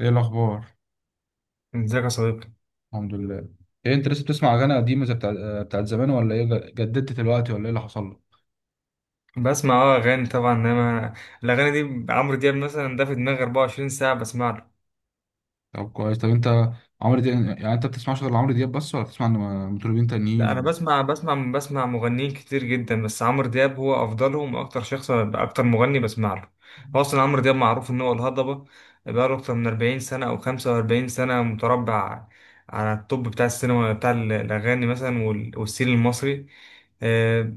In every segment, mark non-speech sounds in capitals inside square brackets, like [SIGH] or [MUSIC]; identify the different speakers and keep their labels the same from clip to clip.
Speaker 1: ايه الاخبار؟
Speaker 2: ازيك يا صديقي؟
Speaker 1: الحمد لله. ايه انت لسه بتسمع اغاني قديمه زي بتاعت زمان ولا ايه؟ جددت دلوقتي ولا ايه اللي حصل لك؟
Speaker 2: بسمع اغاني طبعا، انما الاغاني دي عمرو دياب. مثلا ده في دماغي 24 ساعه بسمع له.
Speaker 1: طب كويس. طب انت عمرو دياب يعني انت بتسمعش غير عمرو دياب بس ولا بتسمع مطربين
Speaker 2: لا، انا
Speaker 1: تانيين؟
Speaker 2: بسمع مغنيين كتير جدا، بس عمرو دياب هو افضلهم واكتر شخص، اكتر مغني بسمع له. هو اصلا عمرو دياب معروف ان هو الهضبه. بقاله اكتر من 40 سنه او 45 سنه متربع على التوب بتاع السينما بتاع الاغاني مثلا والسين المصري.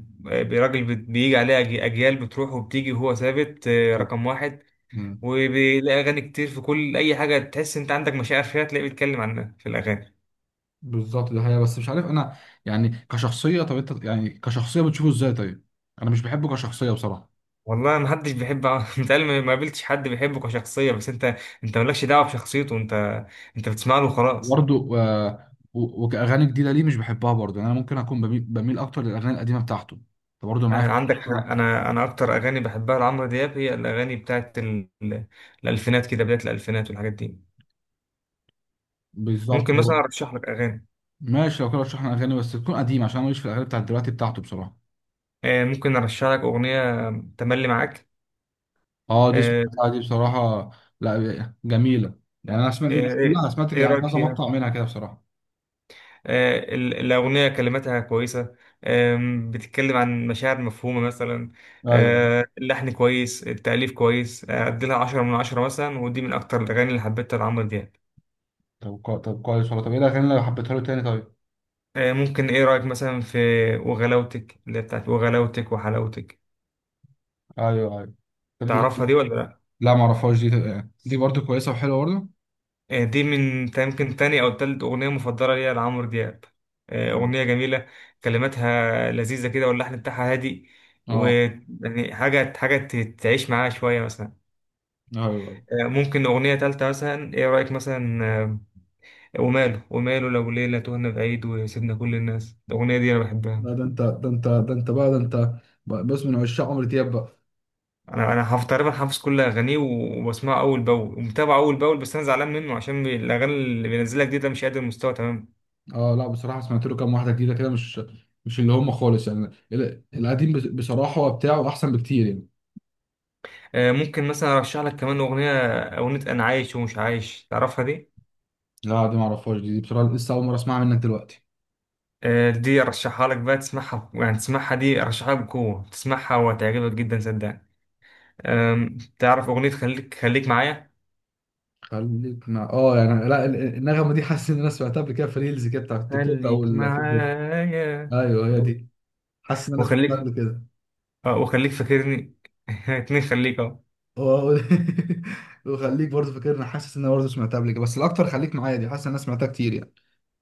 Speaker 2: راجل بيجي عليه أجيال بتروح وبتيجي وهو ثابت،
Speaker 1: و...
Speaker 2: رقم واحد.
Speaker 1: مم.
Speaker 2: وبيلاقي اغاني كتير في كل اي حاجه تحس انت عندك مشاعر فيها تلاقيه بيتكلم عنها في الاغاني.
Speaker 1: بالظبط ده، هي بس مش عارف انا يعني كشخصيه. طب انت يعني كشخصيه بتشوفه ازاي؟ طيب، انا مش بحبه كشخصيه بصراحه.
Speaker 2: والله ما حدش بيحب [LAUGHS] متهيألي ما قابلتش حد بيحبه كشخصيه، بس انت انت مالكش دعوه بشخصيته، انت انت بتسمع له وخلاص.
Speaker 1: برضه آه، و... وكاغاني جديده ليه مش بحبها؟ برضه يعني انا ممكن اكون بميل اكتر للاغاني القديمه بتاعته. انت برضه معايا؟
Speaker 2: عندك
Speaker 1: [LAUGHS]
Speaker 2: حق.
Speaker 1: في-
Speaker 2: انا اكتر اغاني بحبها لعمرو دياب هي الاغاني بتاعت الالفينات، كده بدايه الالفينات والحاجات دي.
Speaker 1: بالظبط.
Speaker 2: ممكن
Speaker 1: هو
Speaker 2: مثلا ارشح لك اغاني؟
Speaker 1: ماشي، لو كده رشح لنا اغاني بس تكون قديمه عشان انا ماليش في الاغاني بتاعت دلوقتي بتاعته بصراحه.
Speaker 2: ممكن ارشح لك اغنيه تملي معاك.
Speaker 1: اه، دي
Speaker 2: آه،
Speaker 1: سمعتها دي بصراحه. لا، جميله. يعني انا سمعت، مش
Speaker 2: ايه،
Speaker 1: كلها سمعت،
Speaker 2: إيه
Speaker 1: يعني
Speaker 2: رايك
Speaker 1: كذا
Speaker 2: فيها؟
Speaker 1: مقطع منها كده بصراحه.
Speaker 2: الأغنية كلماتها كويسة. بتتكلم عن مشاعر مفهومة مثلا.
Speaker 1: ايوه.
Speaker 2: اللحن كويس، التأليف كويس، أديلها عشرة من عشرة مثلا، ودي من أكتر الأغاني اللي حبيتها لعمرو دياب.
Speaker 1: طب كويس والله. طب ايه الاغاني اللي حبيتها له تاني؟ طيب،
Speaker 2: ممكن، إيه رأيك مثلا في وغلاوتك؟ اللي هي بتاعت وغلاوتك وحلاوتك.
Speaker 1: ايوه ايوه. طب دي؟
Speaker 2: تعرفها دي ولا لأ؟
Speaker 1: لا ما اعرفهاش دي برضه كويسه وحلوه برضه.
Speaker 2: دي من يمكن تاني أو تالت أغنية مفضلة ليا لعمرو دياب.
Speaker 1: أيوة.
Speaker 2: أغنية جميلة، كلماتها لذيذة كده واللحن بتاعها هادي.
Speaker 1: اه،
Speaker 2: ويعني حاجة، حاجة تعيش معاها شوية مثلا.
Speaker 1: ايوه، أيوة.
Speaker 2: ممكن أغنية تالتة مثلا، إيه رأيك مثلا وماله، وماله لو ليلة تهنا بعيد وسيبنا كل الناس؟ الأغنية دي أنا بحبها.
Speaker 1: لا، ده انت، ده انت، ده انت بقى، ده انت بص، من عشاق عمرو دياب بقى.
Speaker 2: أنا حافظ تقريبا، حافظ كل أغانيه وبسمعه أول بأول ومتابعه أول بأول، بس أنا زعلان منه عشان الأغاني اللي بينزلها جديد ده مش قادر المستوى تمام.
Speaker 1: اه، لا بصراحه سمعت له كام واحده جديده كده، مش اللي هم خالص. يعني القديم بصراحه هو بتاعه احسن بكتير يعني.
Speaker 2: ممكن مثلا أرشح لك كمان أغنية. أغنية أنا عايش ومش عايش، تعرفها دي؟
Speaker 1: لا دي ما اعرفهاش دي بصراحه لسه اول مره اسمعها منك دلوقتي.
Speaker 2: دي أرشحها لك بقى، تسمعها، يعني تسمعها، دي أرشحها بقوة، تسمعها وهتعجبك جدا صدقني. تعرف أغنية خليك، خليك معايا؟
Speaker 1: خليك مع اه يعني، لا، النغمه دي، حاسس ان انا سمعتها قبل كده في ريلز كده بتاع التيك توك او
Speaker 2: خليك
Speaker 1: الفيسبوك.
Speaker 2: معايا،
Speaker 1: ايوه، هي دي. حاسس ان انا سمعتها
Speaker 2: وخليك،
Speaker 1: قبل كده.
Speaker 2: اه، وخليك فاكرني. [LAUGHS] اتنين خليك، اه.
Speaker 1: آه، و- [LAUGHS] وخليك برضه فاكرني، حاسس ان انا برضه سمعتها قبل كده، بس الاكتر خليك معايا دي، حاسس ان انا سمعتها كتير يعني.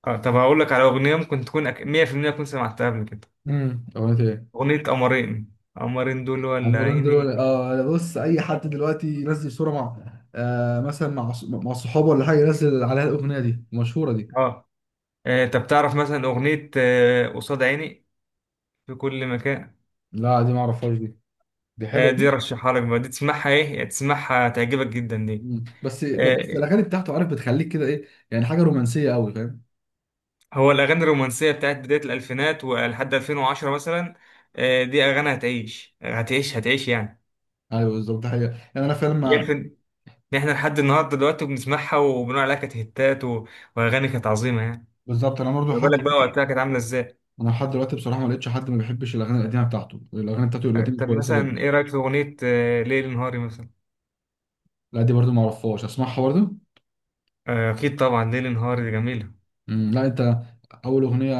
Speaker 2: اه، طب هقول لك على اغنيه، ممكن تكون 100% تكون سمعتها قبل كده.
Speaker 1: اغنيه ايه؟
Speaker 2: اغنيه قمرين، قمرين دول ولا
Speaker 1: عمران
Speaker 2: عيني؟
Speaker 1: دلوقتي. اه، أنا بص، اي حد دلوقتي ينزل صوره مع مثلا مع مع صحابه ولا حاجه، ينزل عليها الاغنيه دي المشهوره دي.
Speaker 2: اه. طب تعرف مثلا اغنيه قصاد عيني؟ في كل مكان.
Speaker 1: لا دي ما اعرفهاش دي. دي حلوه دي.
Speaker 2: دي رشحها لك بقى، دي تسمعها، ايه يعني، تسمعها تعجبك جدا دي.
Speaker 1: مم. بس
Speaker 2: آه،
Speaker 1: الاغاني بتاعته، عارف، بتخليك كده، ايه يعني، حاجه رومانسيه قوي، فاهم؟
Speaker 2: هو الاغاني الرومانسيه بتاعت بدايه الالفينات ولحد 2010 مثلا، دي اغاني هتعيش هتعيش هتعيش يعني.
Speaker 1: ايوه بالظبط حقيقة. يعني انا فعلا ما،
Speaker 2: يكفي يعني، احنا لحد النهارده دلوقتي بنسمعها وبنقول عليها كانت هيتات، و- واغاني كانت عظيمه يعني.
Speaker 1: بالظبط، انا برضه
Speaker 2: ما
Speaker 1: لحد،
Speaker 2: بالك بقى وقتها كانت عامله ازاي؟
Speaker 1: انا لحد دلوقتي بصراحه ما لقيتش حد ما بيحبش الاغاني القديمه بتاعته. الاغاني بتاعته القديمه
Speaker 2: طب
Speaker 1: كويسه
Speaker 2: مثلا
Speaker 1: جدا.
Speaker 2: ايه رايك في اغنيه ليل نهاري مثلا؟
Speaker 1: لا دي برضه ما اعرفهاش، اسمعها برضه.
Speaker 2: اكيد طبعا ليل نهاري دي جميله.
Speaker 1: مم. لا انت، اول اغنيه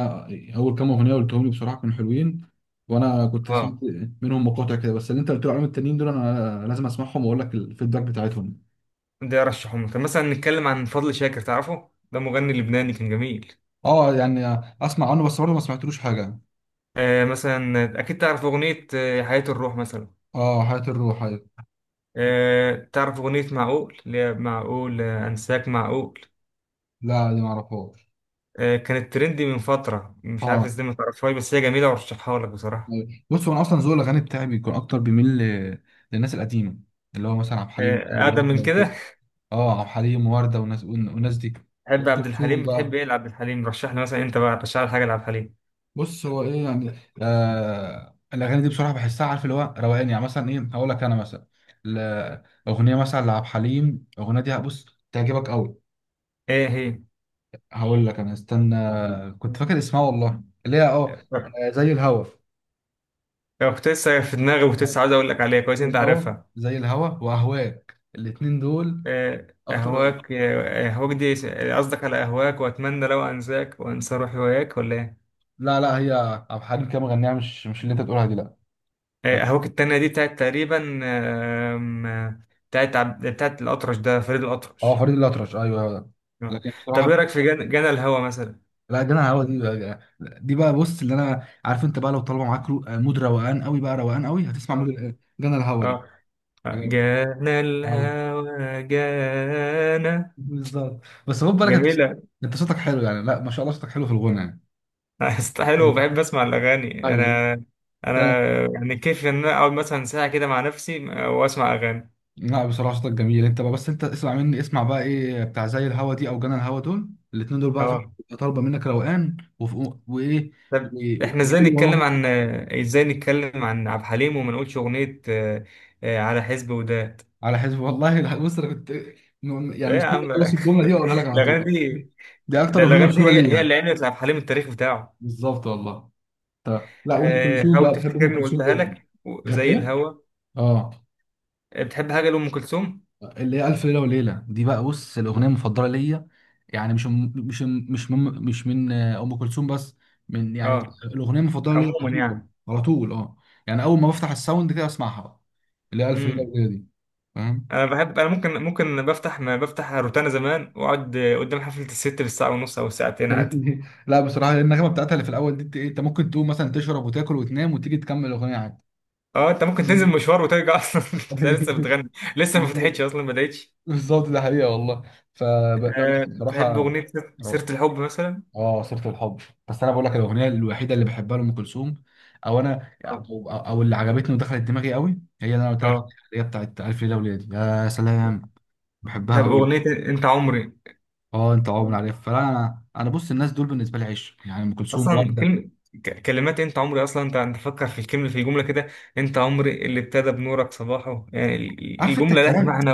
Speaker 1: اول كام اغنيه قلتهم لي بصراحه كانوا حلوين، وانا كنت
Speaker 2: اه،
Speaker 1: سمعت منهم مقاطع كده، بس اللي انت قلت لي عليهم التانيين دول انا لازم اسمعهم واقول لك الفيدباك بتاعتهم.
Speaker 2: ده ارشحهم. طب مثلا نتكلم عن فضل شاكر، تعرفه؟ ده مغني لبناني كان جميل.
Speaker 1: اه يعني، اسمع عنه بس برضه ما سمعتلوش حاجه.
Speaker 2: مثلا اكيد تعرف اغنيه حياه الروح مثلا.
Speaker 1: اه، حياه الروح، أيوة.
Speaker 2: تعرف اغنيه معقول، اللي هي معقول انساك معقول.
Speaker 1: لا، دي ما اعرفهاش.
Speaker 2: كانت ترندي من فتره، مش عارف
Speaker 1: اه،
Speaker 2: ازاي ما تعرفهاش، بس هي جميله وارشحها لك بصراحه.
Speaker 1: أيوة. بص، هو انا اصلا ذوق الاغاني بتاعي بيكون اكتر، بيميل للناس القديمه، اللي هو مثلا عبد الحليم او
Speaker 2: أقدم
Speaker 1: ورده
Speaker 2: من
Speaker 1: وكده.
Speaker 2: كده.
Speaker 1: اه، عبد الحليم وورده، والناس دي. ام
Speaker 2: بحب عبد الحليم،
Speaker 1: كلثوم
Speaker 2: بتحب
Speaker 1: بقى.
Speaker 2: إيه لعبد الحليم؟ رشح لي مثلا، أنت بقى رشح لي حاجة لعبد الحليم.
Speaker 1: بص هو ايه يعني، الاغاني دي بصراحه بحسها، عارف، اللي هو روقان يعني، مثلا ايه، هقول لك انا مثلا، ل- اغنيه مثلا لعبد الحليم. الاغنيه دي بص تعجبك قوي.
Speaker 2: إيه هي؟
Speaker 1: هقول لك انا، استنى، كنت فاكر اسمها والله، اللي هي زي الهوا.
Speaker 2: لو كنت لسه في دماغي وكنت لسه عاوز أقول لك عليها،
Speaker 1: زي
Speaker 2: كويس أنت
Speaker 1: الهوا
Speaker 2: عارفها.
Speaker 1: زي الهوا واهواك، الاتنين دول
Speaker 2: آه،
Speaker 1: اكتر أغنية.
Speaker 2: أهواك دي قصدك على أهواك وأتمنى لو أنساك وأنسى روحي وياك، ولا إيه؟
Speaker 1: لا لا، هي عبد الحليم كده مغنيها، مش اللي انت بتقولها دي لا.
Speaker 2: أهواك التانية دي بتاعت تقريبا آم، آه، بتاعت بتاعت الأطرش، ده فريد
Speaker 1: اه،
Speaker 2: الأطرش.
Speaker 1: فريد الأطرش، ايوه هو ده.
Speaker 2: آه.
Speaker 1: لكن
Speaker 2: طب إيه
Speaker 1: بصراحه،
Speaker 2: رأيك في جنى الهوى مثلا؟
Speaker 1: لا جدع، هو دي بقى بص، اللي انا عارف انت بقى، لو طالبه معاك مود روقان قوي بقى، روقان قوي، هتسمع مود
Speaker 2: آه
Speaker 1: جنى الهوا دي
Speaker 2: آه
Speaker 1: بجد.
Speaker 2: جانا
Speaker 1: آه،
Speaker 2: الهوى جانا،
Speaker 1: بالظبط. بس خد بالك انت،
Speaker 2: جميلة.
Speaker 1: انت صوتك حلو يعني، لا ما شاء الله صوتك حلو في الغنى يعني.
Speaker 2: [LAUGHS] أصل حلو، بحب اسمع الاغاني
Speaker 1: ايوه
Speaker 2: انا.
Speaker 1: فعلا.
Speaker 2: انا يعني كيف ان انا اقعد مثلا ساعه كده مع نفسي واسمع اغاني.
Speaker 1: لا بصراحه صوتك جميل انت بقى، بس انت اسمع مني، اسمع بقى، ايه بتاع زي الهوا دي او جنى الهوا، دول الاثنين دول بقى فاهم.
Speaker 2: اه،
Speaker 1: طالبه منك روقان وايه،
Speaker 2: طب احنا ازاي
Speaker 1: وقول
Speaker 2: نتكلم
Speaker 1: وراهم.
Speaker 2: عن، ازاي نتكلم عن عبد الحليم وما نقولش اغنيه على حزب وداد؟
Speaker 1: على حسب والله، بص انا كنت يعني
Speaker 2: ايه يا
Speaker 1: مستني
Speaker 2: عم
Speaker 1: اخلص الجمله دي واقولها لك
Speaker 2: [LAUGHS]
Speaker 1: على
Speaker 2: الاغاني
Speaker 1: طول.
Speaker 2: دي.
Speaker 1: دي اكتر
Speaker 2: ده
Speaker 1: اغنيه
Speaker 2: الاغاني دي
Speaker 1: مشهوره
Speaker 2: هي
Speaker 1: ليه
Speaker 2: هي
Speaker 1: يعني.
Speaker 2: اللي عملت لعبد الحليم التاريخ بتاعه.
Speaker 1: بالظبط والله. طب لا، ام كلثوم
Speaker 2: حاول
Speaker 1: بقى، بحب ام
Speaker 2: تفتكرني،
Speaker 1: كلثوم
Speaker 2: وقلتها
Speaker 1: جدا.
Speaker 2: لك زي
Speaker 1: ايه؟
Speaker 2: الهوا.
Speaker 1: اه،
Speaker 2: بتحب حاجه لام كلثوم؟
Speaker 1: اللي هي الف ليله وليله دي بقى، بص الاغنيه المفضله ليا. يعني مش من ام كلثوم بس، من يعني
Speaker 2: اه،
Speaker 1: الاغنيه المفضله ليا
Speaker 2: عموما
Speaker 1: على طول،
Speaker 2: يعني.
Speaker 1: على طول. اه يعني اول ما بفتح الساوند كده اسمعها بقى، اللي هي الف ليله
Speaker 2: مم.
Speaker 1: وليله دي، فاهم
Speaker 2: انا بحب، انا ممكن بفتح، ما بفتح روتانا زمان واقعد قدام حفله الست بالساعه ونص او ساعتين عادي.
Speaker 1: فاهمني؟ لا بصراحه، النغمه بتاعتها اللي في الاول دي، انت إيه، أنت ممكن تقوم مثلا تشرب وتاكل وتنام وتيجي تكمل الاغنيه عادي.
Speaker 2: اه، انت ممكن
Speaker 1: [LAUGHS] فاهم؟
Speaker 2: تنزل مشوار وترجع اصلا [LAUGHS] تلاقي لسه بتغني، لسه ما
Speaker 1: بالظبط،
Speaker 2: فتحتش اصلا، ما بدأتش.
Speaker 1: بالظبط، ده حقيقه والله. لا
Speaker 2: أه،
Speaker 1: بس
Speaker 2: تحب
Speaker 1: بصراحه،
Speaker 2: اغنيه سيره
Speaker 1: روعة.
Speaker 2: الحب مثلا؟
Speaker 1: اه، سيره الحب. بس انا بقول لك الاغنيه الوحيده اللي بحبها لام كلثوم، او انا
Speaker 2: اه،
Speaker 1: أو اللي عجبتني ودخلت دماغي قوي هي اللي انا قلت لك عليها،
Speaker 2: اه.
Speaker 1: اللي هي بتاعت الف ليله وليله. يا سلام، بحبها
Speaker 2: طب
Speaker 1: قوي.
Speaker 2: اغنيه انت عمري،
Speaker 1: اه، انت عمر عليها، فانا انا انا بص الناس دول بالنسبه لي عشق، يعني ام كلثوم،
Speaker 2: اصلا
Speaker 1: ورده.
Speaker 2: كلمه، كلمات انت عمري اصلا، انت فكر في الكلمه، في الجمله كده، انت عمري اللي ابتدى بنورك صباحه، يعني
Speaker 1: عارف انت
Speaker 2: الجمله لها
Speaker 1: الكلام.
Speaker 2: معنى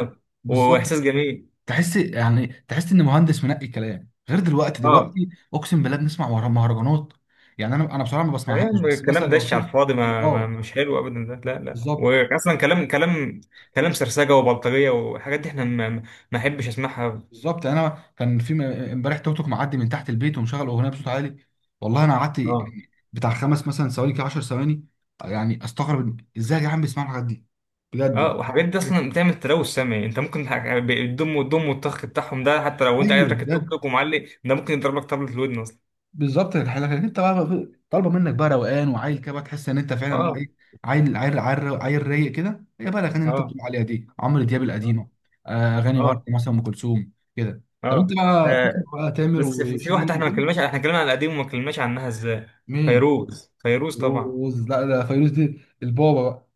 Speaker 1: بالظبط،
Speaker 2: واحساس جميل.
Speaker 1: تحس ان مهندس منقي كلام، غير دلوقتي.
Speaker 2: اه
Speaker 1: دلوقتي اقسم بالله بنسمع مهرجانات. يعني انا بصراحه ما
Speaker 2: يعني
Speaker 1: بسمعهاش، بس مثلا
Speaker 2: الكلام
Speaker 1: لو
Speaker 2: دش على
Speaker 1: في،
Speaker 2: الفاضي، ما
Speaker 1: اه،
Speaker 2: مش حلو ابدا ده، لا لا.
Speaker 1: بالظبط
Speaker 2: واصلا كلام، كلام، كلام سرسجه وبلطجيه وحاجات دي احنا ما احبش اسمعها.
Speaker 1: بالظبط. يعني انا كان في امبارح توك توك معدي من تحت البيت ومشغل اغنيه بصوت عالي، والله انا قعدت
Speaker 2: اه.
Speaker 1: بتاع خمس مثلا ثواني كده، 10 ثواني، يعني استغرب ازاي يا جدعان بيسمعوا الحاجات دي، بجد، يعني
Speaker 2: اه، وحاجات دي اصلا بتعمل تلوث سمعي، انت ممكن الدم والدم والطخ بتاعهم ده، حتى لو انت قاعد
Speaker 1: ايوه
Speaker 2: راكب توك
Speaker 1: بجد.
Speaker 2: توك ومعلق، ده ممكن يضربك طبلة في الودن اصلا.
Speaker 1: بالظبط لكن انت بقى، طالبه منك بقى روقان وعيل كده بقى، تحس ان انت فعلا بقى
Speaker 2: اه،
Speaker 1: ايه، عيل عيل عيل عيل رايق كده، هي بقى الاغاني اللي انت
Speaker 2: اه،
Speaker 1: بتقول عليها دي، عمرو دياب
Speaker 2: اه،
Speaker 1: القديمه، اغاني ورد
Speaker 2: اه،
Speaker 1: مثلا، ام كلثوم كده. طب انت
Speaker 2: اه.
Speaker 1: بقى بتسمع
Speaker 2: آه،
Speaker 1: بقى تامر
Speaker 2: بس في
Speaker 1: وشيرين
Speaker 2: واحده احنا ما اتكلمناش،
Speaker 1: وكده؟
Speaker 2: احنا اتكلمنا على القديم وما اتكلمناش عنها ازاي.
Speaker 1: مين؟
Speaker 2: فيروز، فيروز طبعا.
Speaker 1: فيروز. لا ده فيروز دي البابا بقى.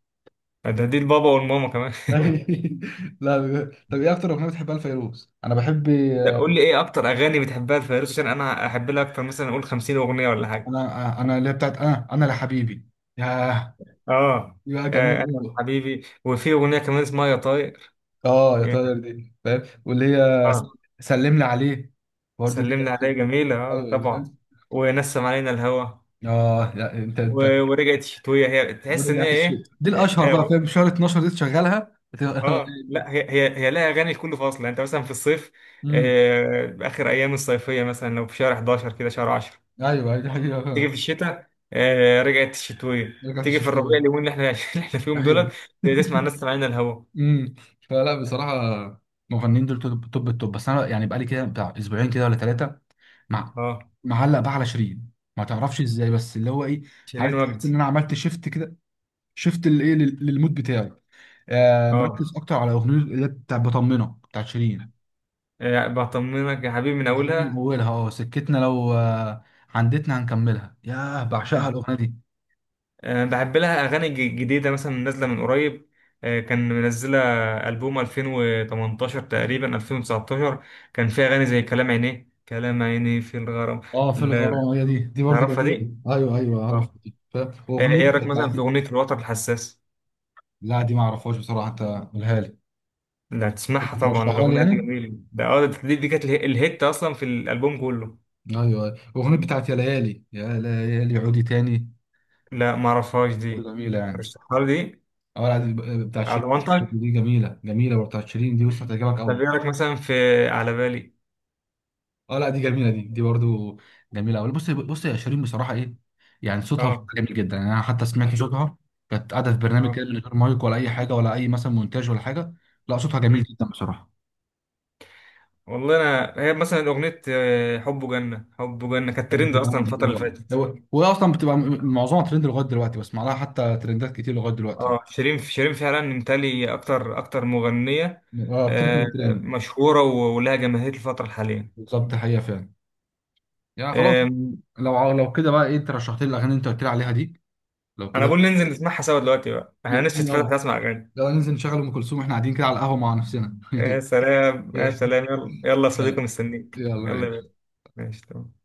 Speaker 2: دي البابا والماما كمان.
Speaker 1: [LAUGHS] لا بجد. طب
Speaker 2: [LAUGHS]
Speaker 1: ايه اكتر اغنيه بتحبها لفيروز؟ انا بحب
Speaker 2: ده قول لي ايه اكتر اغاني بتحبها لفيروز عشان انا احب لها اكتر، مثلا اقول 50 اغنيه ولا حاجه.
Speaker 1: انا انا اللي هي بتاعت، انا لحبيبي. ياه،
Speaker 2: اه.
Speaker 1: يا
Speaker 2: انا
Speaker 1: جميل.
Speaker 2: حبيبي، وفي اغنيه كمان اسمها يا طاير.
Speaker 1: اه، يا
Speaker 2: يعني
Speaker 1: طاير دي فاهم، واللي هي
Speaker 2: اه،
Speaker 1: سلمنا عليه، برضه دي
Speaker 2: سلمنا
Speaker 1: كانت
Speaker 2: عليها
Speaker 1: شيء.
Speaker 2: جميله اه
Speaker 1: ايوه
Speaker 2: طبعا،
Speaker 1: فاهم.
Speaker 2: ونسم علينا الهوى،
Speaker 1: اه، لا انت
Speaker 2: ورجعت شتويه. هي تحس ان هي
Speaker 1: رجعت الشيء
Speaker 2: ايه،
Speaker 1: دي الاشهر بقى فاهم، شهر 12 دي تشغلها
Speaker 2: لا، هي لها اغاني لكل فصل يعني. انت مثلا في الصيف،
Speaker 1: [LAUGHS] امم
Speaker 2: اخر ايام الصيفيه مثلا، لو في شهر 11 كده شهر 10
Speaker 1: ايوه ايوه، دي حقيقه
Speaker 2: تيجي
Speaker 1: فاهم.
Speaker 2: في الشتاء، آه رجعت الشتويه،
Speaker 1: رجعت
Speaker 2: تيجي
Speaker 1: الشيء
Speaker 2: في الربيع
Speaker 1: تاني.
Speaker 2: اليومين اللي احنا [LAUGHS] اللي احنا فيهم
Speaker 1: ايوه.
Speaker 2: دولت، تسمع
Speaker 1: [LAUGHS]
Speaker 2: الناس سامعين الهوا.
Speaker 1: امم فلا بصراحه، المغنيين دول توب توب التوب، بس انا يعني بقالي كده بتاع اسبوعين كده ولا ثلاثه، مع
Speaker 2: اه،
Speaker 1: معلق بقى على شيرين، ما تعرفش ازاي، بس اللي هو ايه،
Speaker 2: شيرين
Speaker 1: عارف، تحس
Speaker 2: وجدي.
Speaker 1: ان انا عملت شيفت، شفت الايه للمود بتاعي.
Speaker 2: اه.
Speaker 1: مركز اكتر على اغنيه اللي هي بتاع بطمنه بتاعت شيرين.
Speaker 2: بطمنك يا حبيبي من
Speaker 1: الحاجات من
Speaker 2: اولها.
Speaker 1: اولها، اه سكتنا لو عندتنا هنكملها. ياه، بعشقها
Speaker 2: مم.
Speaker 1: الاغنيه دي.
Speaker 2: بحب لها اغاني جديده مثلا نازله من قريب، كان منزله البوم 2018 تقريبا 2019 كان فيها اغاني زي كلام عينيه، كلام عينيه في الغرام.
Speaker 1: اه، في الغرام.
Speaker 2: لا-
Speaker 1: هي دي برضه
Speaker 2: تعرفها
Speaker 1: جميله.
Speaker 2: دي؟
Speaker 1: ايوه ايوه، اعرف
Speaker 2: اه.
Speaker 1: دي، واغنيه
Speaker 2: ايه رايك مثلا في
Speaker 1: بتاعتي.
Speaker 2: اغنيه الوتر الحساس؟
Speaker 1: لا دي ما اعرفهاش بصراحه، انت قولها لي.
Speaker 2: ده هتسمعها طبعا،
Speaker 1: بترشحها لي
Speaker 2: الأغنية دي
Speaker 1: يعني.
Speaker 2: جميلة، ده اه، دي كانت الهيت أصلا في الألبوم كله.
Speaker 1: ايوه ايوه. اغنيه بتاعت يا ليالي، يا ليالي عودي تاني،
Speaker 2: لا، معرفهاش
Speaker 1: برضه
Speaker 2: دي.
Speaker 1: جميله يعني.
Speaker 2: رشحها لي دي،
Speaker 1: اه، لا، دي بتاعت
Speaker 2: على
Speaker 1: شيرين.
Speaker 2: ضمانتك.
Speaker 1: دي جميله جميله برضه بتاعت شيرين دي، بص هتعجبك
Speaker 2: طب
Speaker 1: قوي.
Speaker 2: إيه رأيك مثلا في على بالي؟
Speaker 1: اه، لا دي جميله دي برضو جميله قوي. بص بص يا شيرين بصراحه، ايه يعني، صوتها
Speaker 2: اه،
Speaker 1: صوتها جميل جدا يعني. انا حتى سمعت صوتها كانت قاعده في برنامج كده
Speaker 2: اه.
Speaker 1: من غير مايك ولا اي حاجه ولا اي مثلا مونتاج ولا حاجه، لا صوتها جميل
Speaker 2: مم.
Speaker 1: جدا بصراحه.
Speaker 2: والله، أنا هي مثلا أغنية حب جنة، حب جنة كانت ترند أصلا
Speaker 1: [LAUGHS]
Speaker 2: الفترة اللي
Speaker 1: آه.
Speaker 2: فاتت.
Speaker 1: وهي اصلا بتبقى معظمها ترند لغايه دلوقتي، بسمع لها حتى ترندات كتير لغايه دلوقتي.
Speaker 2: اه، شيرين، شيرين فعلا متهيألي أكتر، أكتر مغنية
Speaker 1: اه، بتركب
Speaker 2: آه،
Speaker 1: الترند.
Speaker 2: مشهورة ولها جماهير الفترة الحالية.
Speaker 1: بالظبط حقيقه فعلا، يعني خلاص.
Speaker 2: آم،
Speaker 1: لو لو كده بقى ايه انت رشحت لي الاغاني اللي انت قلت لي عليها دي، لو
Speaker 2: أنا
Speaker 1: كده
Speaker 2: بقول ننزل نسمعها سوا دلوقتي بقى، احنا نفسي تفتح
Speaker 1: يلا،
Speaker 2: أسمع أغاني.
Speaker 1: يلا ننزل نشغل ام كلثوم واحنا قاعدين كده على القهوه مع نفسنا.
Speaker 2: يا سلام،
Speaker 1: [LAUGHS] [LAUGHS]
Speaker 2: يا سلام،
Speaker 1: يلا
Speaker 2: يلا يلا يا صديقي، مستنيك، يلا يا باشا.
Speaker 1: يلا
Speaker 2: ماشي تمام.